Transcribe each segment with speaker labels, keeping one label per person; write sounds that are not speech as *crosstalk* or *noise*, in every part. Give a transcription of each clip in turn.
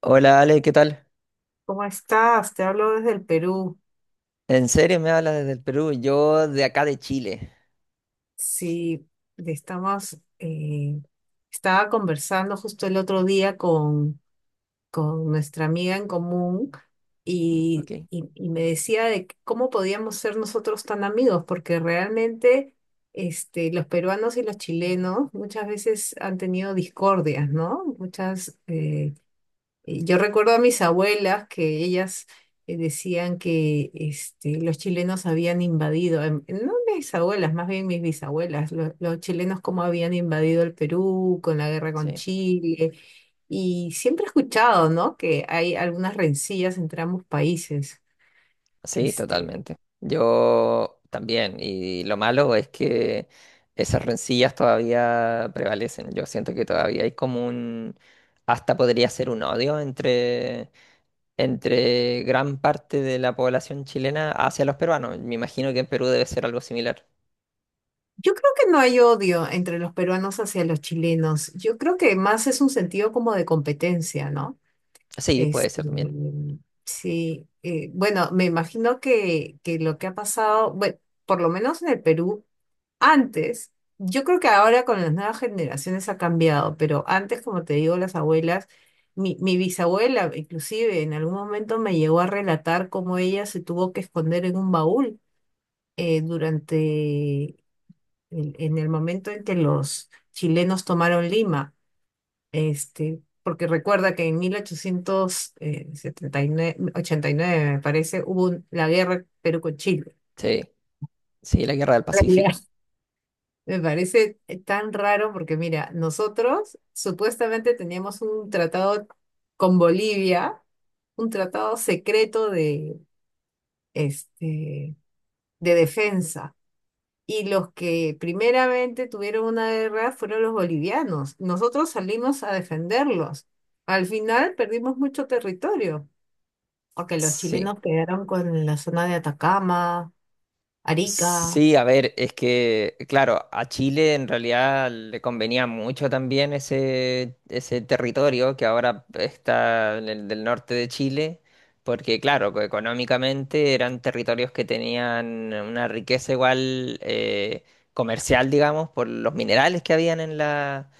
Speaker 1: Hola Ale, ¿qué tal?
Speaker 2: ¿Cómo estás? Te hablo desde el Perú.
Speaker 1: ¿En serio me hablas desde el Perú? Yo de acá de Chile.
Speaker 2: Sí, estamos, eh, estaba conversando justo el otro día con nuestra amiga en común
Speaker 1: Ok,
Speaker 2: y me decía de que cómo podíamos ser nosotros tan amigos, porque realmente los peruanos y los chilenos muchas veces han tenido discordias, ¿no? Yo recuerdo a mis abuelas que ellas decían que los chilenos habían invadido, no mis abuelas, más bien mis bisabuelas, los chilenos cómo habían invadido el Perú con la guerra con
Speaker 1: sí.
Speaker 2: Chile. Y siempre he escuchado, ¿no? Que hay algunas rencillas entre ambos países.
Speaker 1: Sí,
Speaker 2: Este,
Speaker 1: totalmente. Yo también. Y lo malo es que esas rencillas todavía prevalecen. Yo siento que todavía hay como un. Hasta podría ser un odio entre gran parte de la población chilena hacia los peruanos. Me imagino que en Perú debe ser algo similar.
Speaker 2: yo creo que no hay odio entre los peruanos hacia los chilenos. Yo creo que más es un sentido como de competencia, ¿no?
Speaker 1: Sí, puede
Speaker 2: Este,
Speaker 1: ser también.
Speaker 2: sí, bueno, me imagino que lo que ha pasado, bueno, por lo menos en el Perú, antes, yo creo que ahora con las nuevas generaciones ha cambiado, pero antes, como te digo, las abuelas, mi bisabuela inclusive en algún momento me llegó a relatar cómo ella se tuvo que esconder en un baúl durante, en el momento en que los chilenos tomaron Lima, porque recuerda que en 1879, 89 me parece, hubo la guerra Perú con Chile.
Speaker 1: Sí, sí, la guerra del
Speaker 2: Realidad.
Speaker 1: Pacífico.
Speaker 2: Me parece tan raro porque, mira, nosotros supuestamente teníamos un tratado con Bolivia, un tratado secreto este, de defensa. Y los que primeramente tuvieron una guerra fueron los bolivianos. Nosotros salimos a defenderlos. Al final perdimos mucho territorio, porque los
Speaker 1: Sí.
Speaker 2: chilenos quedaron con la zona de Atacama, Arica,
Speaker 1: Sí, a ver, es que, claro, a Chile en realidad le convenía mucho también ese territorio que ahora está en el del norte de Chile, porque, claro, que económicamente eran territorios que tenían una riqueza igual comercial, digamos, por los minerales que habían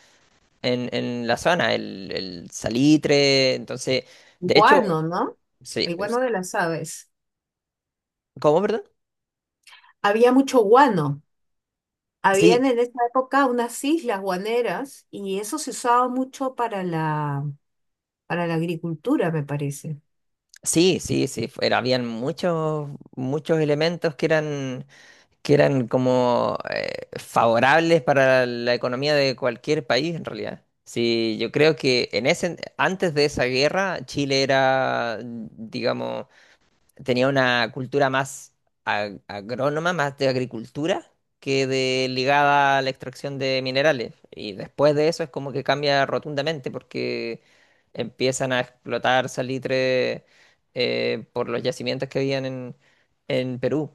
Speaker 1: en la zona, el salitre, entonces, de hecho,
Speaker 2: guano, ¿no?
Speaker 1: sí,
Speaker 2: El guano de las aves.
Speaker 1: ¿cómo, verdad?
Speaker 2: Había mucho guano.
Speaker 1: Sí.
Speaker 2: Habían en esa época unas islas guaneras y eso se usaba mucho para la agricultura, me parece.
Speaker 1: Sí, sí, sí, habían muchos, muchos elementos que que eran como favorables para la economía de cualquier país en realidad. Sí, yo creo que en ese, antes de esa guerra, Chile era, digamos, tenía una cultura más agrónoma, más de agricultura, que de ligada a la extracción de minerales. Y después de eso es como que cambia rotundamente porque empiezan a explotar salitre por los yacimientos que habían en Perú.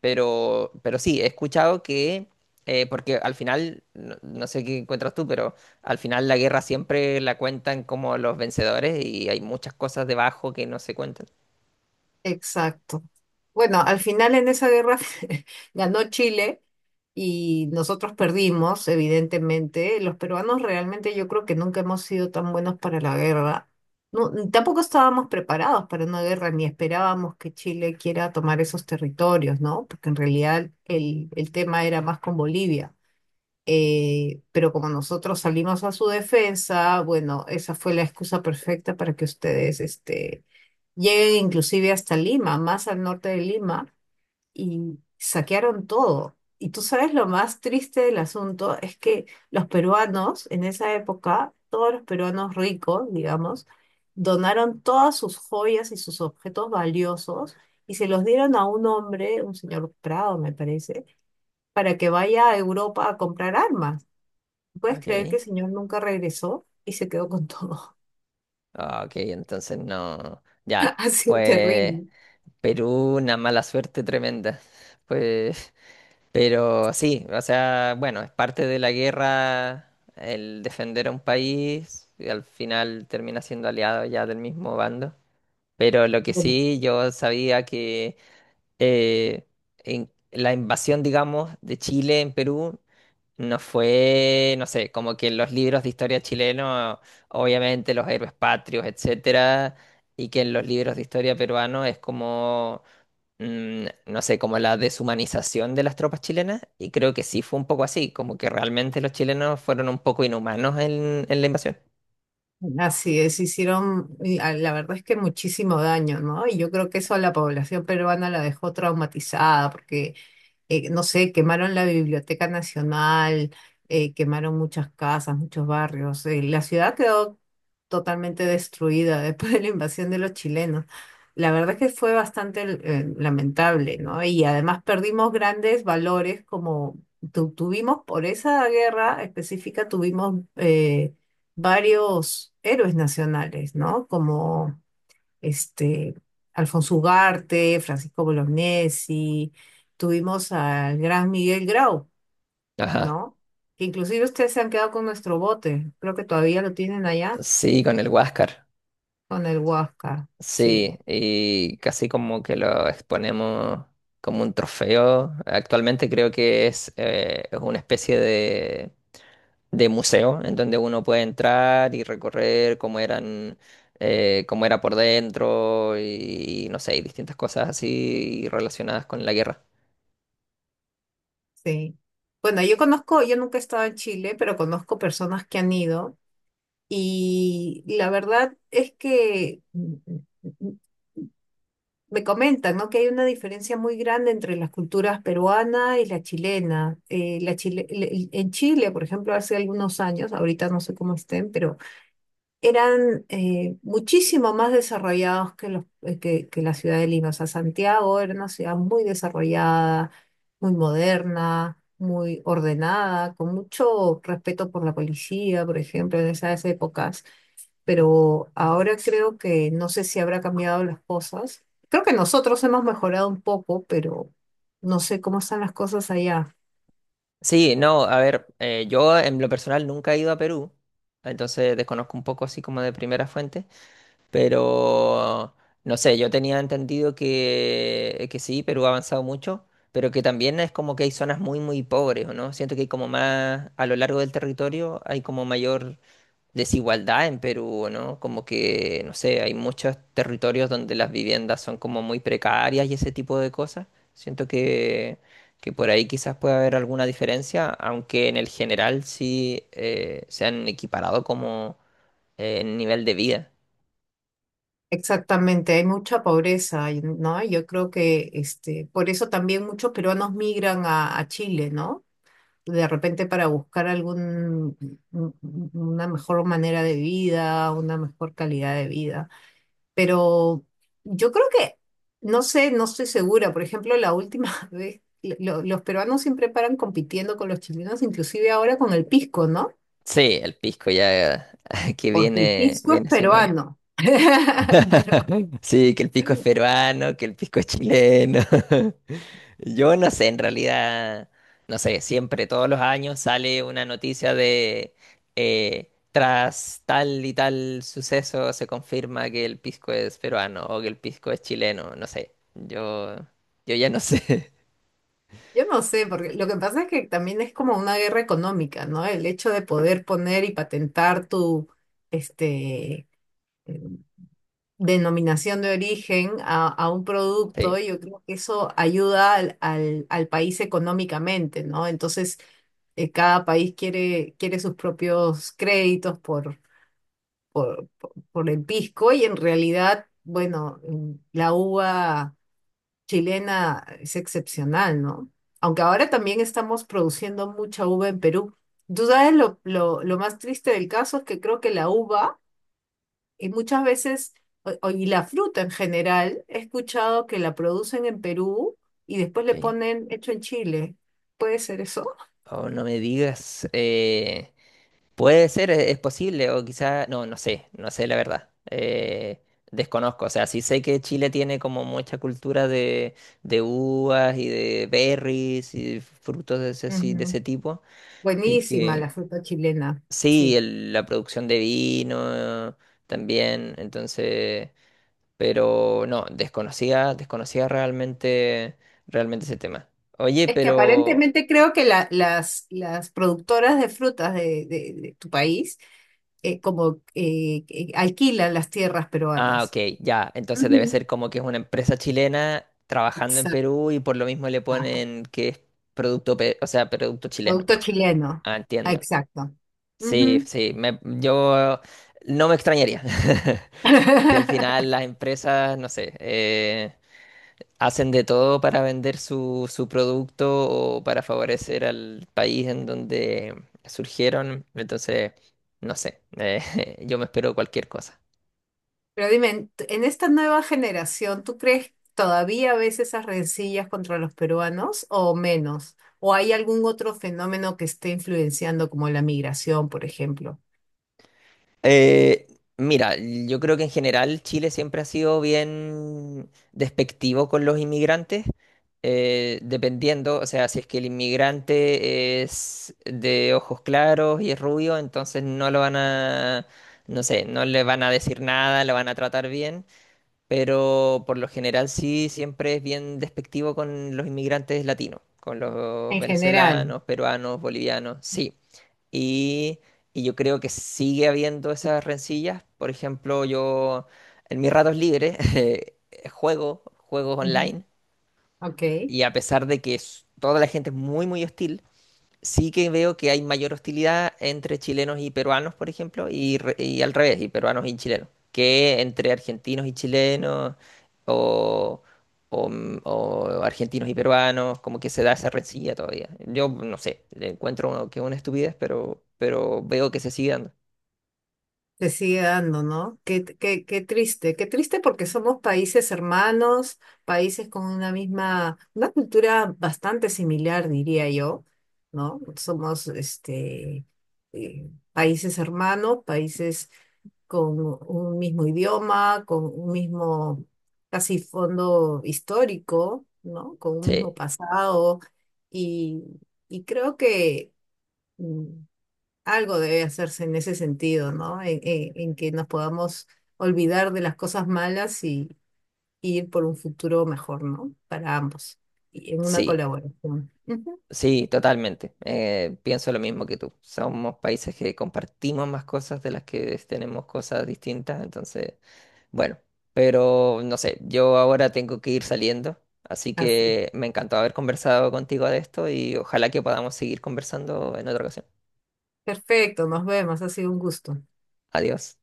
Speaker 1: Pero sí, he escuchado que, porque al final, no, no sé qué encuentras tú, pero al final la guerra siempre la cuentan como los vencedores y hay muchas cosas debajo que no se cuentan.
Speaker 2: Exacto. Bueno, al final en esa guerra *laughs* ganó Chile y nosotros perdimos, evidentemente. Los peruanos realmente yo creo que nunca hemos sido tan buenos para la guerra. No, tampoco estábamos preparados para una guerra, ni esperábamos que Chile quiera tomar esos territorios, ¿no? Porque en realidad el tema era más con Bolivia. Pero como nosotros salimos a su defensa, bueno, esa fue la excusa perfecta para que ustedes. Llegué inclusive hasta Lima, más al norte de Lima, y saquearon todo. Y tú sabes lo más triste del asunto es que los peruanos, en esa época, todos los peruanos ricos, digamos, donaron todas sus joyas y sus objetos valiosos y se los dieron a un hombre, un señor Prado, me parece, para que vaya a Europa a comprar armas. ¿Puedes creer que
Speaker 1: Ok.
Speaker 2: el señor nunca regresó y se quedó con todo?
Speaker 1: Ah, ok, entonces no.
Speaker 2: *laughs*
Speaker 1: Ya,
Speaker 2: Ha sido
Speaker 1: fue
Speaker 2: terrible.
Speaker 1: Perú una mala suerte tremenda. *laughs* Pues, pero sí, o sea, bueno, es parte de la guerra el defender a un país y al final termina siendo aliado ya del mismo bando. Pero lo que sí, yo sabía que eh, en la invasión, digamos, de Chile en Perú no fue, no sé, como que en los libros de historia chileno, obviamente los héroes patrios, etcétera, y que en los libros de historia peruano es como, no sé, como la deshumanización de las tropas chilenas, y creo que sí fue un poco así, como que realmente los chilenos fueron un poco inhumanos en la invasión.
Speaker 2: Así es, hicieron, y, ah, la verdad es que muchísimo daño, ¿no? Y yo creo que eso a la población peruana la dejó traumatizada, porque no sé, quemaron la Biblioteca Nacional, quemaron muchas casas, muchos barrios. La ciudad quedó totalmente destruida *laughs* después de la invasión de los chilenos. La verdad es que fue bastante lamentable, ¿no? Y además perdimos grandes valores como tuvimos por esa guerra específica, tuvimos varios héroes nacionales, ¿no? Como este, Alfonso Ugarte, Francisco Bolognesi, tuvimos al gran Miguel Grau,
Speaker 1: Ajá,
Speaker 2: ¿no? Que inclusive ustedes se han quedado con nuestro bote, creo que todavía lo tienen allá,
Speaker 1: sí, con el Huáscar,
Speaker 2: con el Huáscar, sí,
Speaker 1: sí, y casi como que lo exponemos como un trofeo. Actualmente creo que es una especie de museo, en donde uno puede entrar y recorrer cómo eran, cómo era por dentro y, no sé, y distintas cosas así relacionadas con la guerra.
Speaker 2: sí. Bueno, yo conozco, yo nunca he estado en Chile, pero conozco personas que han ido y la verdad es que me comentan, ¿no? Que hay una diferencia muy grande entre las culturas peruana y la chilena. En Chile, por ejemplo, hace algunos años, ahorita no sé cómo estén, pero eran muchísimo más desarrollados que la ciudad de Lima. O sea, Santiago era una ciudad muy desarrollada, muy moderna, muy ordenada, con mucho respeto por la policía, por ejemplo, en esas épocas. Pero ahora creo que no sé si habrá cambiado las cosas. Creo que nosotros hemos mejorado un poco, pero no sé cómo están las cosas allá.
Speaker 1: Sí, no, a ver, yo en lo personal nunca he ido a Perú, entonces desconozco un poco así como de primera fuente, pero no sé, yo tenía entendido que sí, Perú ha avanzado mucho. Pero que también es como que hay zonas muy, muy pobres, ¿o ¿no? Siento que hay como más, a lo largo del territorio, hay como mayor desigualdad en Perú, ¿no? Como que, no sé, hay muchos territorios donde las viviendas son como muy precarias y ese tipo de cosas. Siento que por ahí quizás pueda haber alguna diferencia, aunque en el general sí se han equiparado como en nivel de vida.
Speaker 2: Exactamente, hay mucha pobreza, ¿no? Yo creo que por eso también muchos peruanos migran a Chile, ¿no? De repente para buscar una mejor manera de vida, una mejor calidad de vida. Pero yo creo que, no sé, no estoy segura. Por ejemplo, la última *laughs* vez, los peruanos siempre paran compitiendo con los chilenos, inclusive ahora con el pisco, ¿no?
Speaker 1: Sí, el pisco ya *laughs* que
Speaker 2: Porque el
Speaker 1: viene,
Speaker 2: pisco es
Speaker 1: viene hace unos años.
Speaker 2: peruano. *laughs* Pero
Speaker 1: Sí, que el pisco es peruano, que el pisco es chileno. *laughs* Yo no sé, en realidad, no sé, siempre, todos los años sale una noticia de tras tal y tal suceso se confirma que el pisco es peruano o que el pisco es chileno, no sé. Yo ya no sé. *laughs*
Speaker 2: yo no sé, porque lo que pasa es que también es como una guerra económica, ¿no? El hecho de poder poner y patentar tu este, eh, denominación de origen a un
Speaker 1: Sí,
Speaker 2: producto, yo creo que eso ayuda al país económicamente, ¿no? Entonces, cada país quiere sus propios créditos por, por el pisco y en realidad, bueno, la uva chilena es excepcional, ¿no? Aunque ahora también estamos produciendo mucha uva en Perú. Tú sabes lo más triste del caso es que creo que la uva, y muchas veces, y la fruta en general, he escuchado que la producen en Perú y después le
Speaker 1: ok.
Speaker 2: ponen hecho en Chile. ¿Puede ser eso?
Speaker 1: Oh, no me digas. Puede ser, es posible, o quizá, no, no sé, no sé la verdad. Desconozco, o sea, sí sé que Chile tiene como mucha cultura de uvas y de berries y frutos de de
Speaker 2: Ujú.
Speaker 1: ese tipo, y
Speaker 2: Buenísima
Speaker 1: que
Speaker 2: la fruta chilena,
Speaker 1: sí,
Speaker 2: sí.
Speaker 1: la producción de vino también, entonces, pero no, desconocía, desconocía realmente, realmente ese tema. Oye,
Speaker 2: Es que
Speaker 1: pero...
Speaker 2: aparentemente creo que las productoras de frutas de tu país como que alquilan las tierras
Speaker 1: Ah, ok,
Speaker 2: peruanas.
Speaker 1: ya. Entonces debe ser
Speaker 2: Ujú.
Speaker 1: como que es una empresa chilena trabajando en
Speaker 2: Exacto.
Speaker 1: Perú y por lo mismo le
Speaker 2: Ajá.
Speaker 1: ponen que es producto, o sea, producto chileno.
Speaker 2: Producto chileno.
Speaker 1: Ah,
Speaker 2: Ah,
Speaker 1: entiendo.
Speaker 2: exacto.
Speaker 1: Sí,
Speaker 2: Ujú.
Speaker 1: sí, yo no me extrañaría. *laughs* Y al final
Speaker 2: *laughs*
Speaker 1: las empresas, no sé, hacen de todo para vender su, su producto o para favorecer al país en donde surgieron. Entonces, no sé, *laughs* yo me espero cualquier cosa.
Speaker 2: Pero dime, en esta nueva generación, ¿tú crees todavía ves esas rencillas contra los peruanos o menos? ¿O hay algún otro fenómeno que esté influenciando como la migración, por ejemplo?
Speaker 1: Eh, mira, yo creo que en general Chile siempre ha sido bien despectivo con los inmigrantes, dependiendo, o sea, si es que el inmigrante es de ojos claros y es rubio, entonces no lo van a, no sé, no le van a decir nada, lo van a tratar bien, pero por lo general sí, siempre es bien despectivo con los inmigrantes latinos, con los
Speaker 2: En general.
Speaker 1: venezolanos, peruanos, bolivianos, sí. Y, y yo creo que sigue habiendo esas rencillas. Por ejemplo, yo en mis ratos libres *laughs* juego juegos
Speaker 2: Ujú.
Speaker 1: online
Speaker 2: Ok.
Speaker 1: y a pesar de que toda la gente es muy, muy hostil, sí que veo que hay mayor hostilidad entre chilenos y peruanos, por ejemplo, y, y al revés, y peruanos y chilenos, que entre argentinos y chilenos o, o, o argentinos y peruanos, como que se da esa rencilla todavía. Yo no sé, le encuentro que es una estupidez, pero veo que se sigue dando.
Speaker 2: Te sigue dando, ¿no? Qué, qué, qué triste porque somos países hermanos, países con una misma, una cultura bastante similar, diría yo, ¿no? Somos países hermanos, países con un mismo idioma, con un mismo casi fondo histórico, ¿no? Con un mismo
Speaker 1: Sí,
Speaker 2: pasado y, y creo que mm, algo debe hacerse en ese sentido, ¿no? En que nos podamos olvidar de las cosas malas y ir por un futuro mejor, ¿no? Para ambos. Y en una
Speaker 1: sí,
Speaker 2: colaboración. Ujú.
Speaker 1: sí, totalmente. Pienso lo mismo que tú. Somos países que compartimos más cosas de las que tenemos cosas distintas, entonces... Bueno, pero no sé, yo ahora tengo que ir saliendo, así
Speaker 2: Así.
Speaker 1: que me encantó haber conversado contigo de esto y ojalá que podamos seguir conversando en otra ocasión.
Speaker 2: Perfecto, nos vemos. Ha sido un gusto.
Speaker 1: Adiós.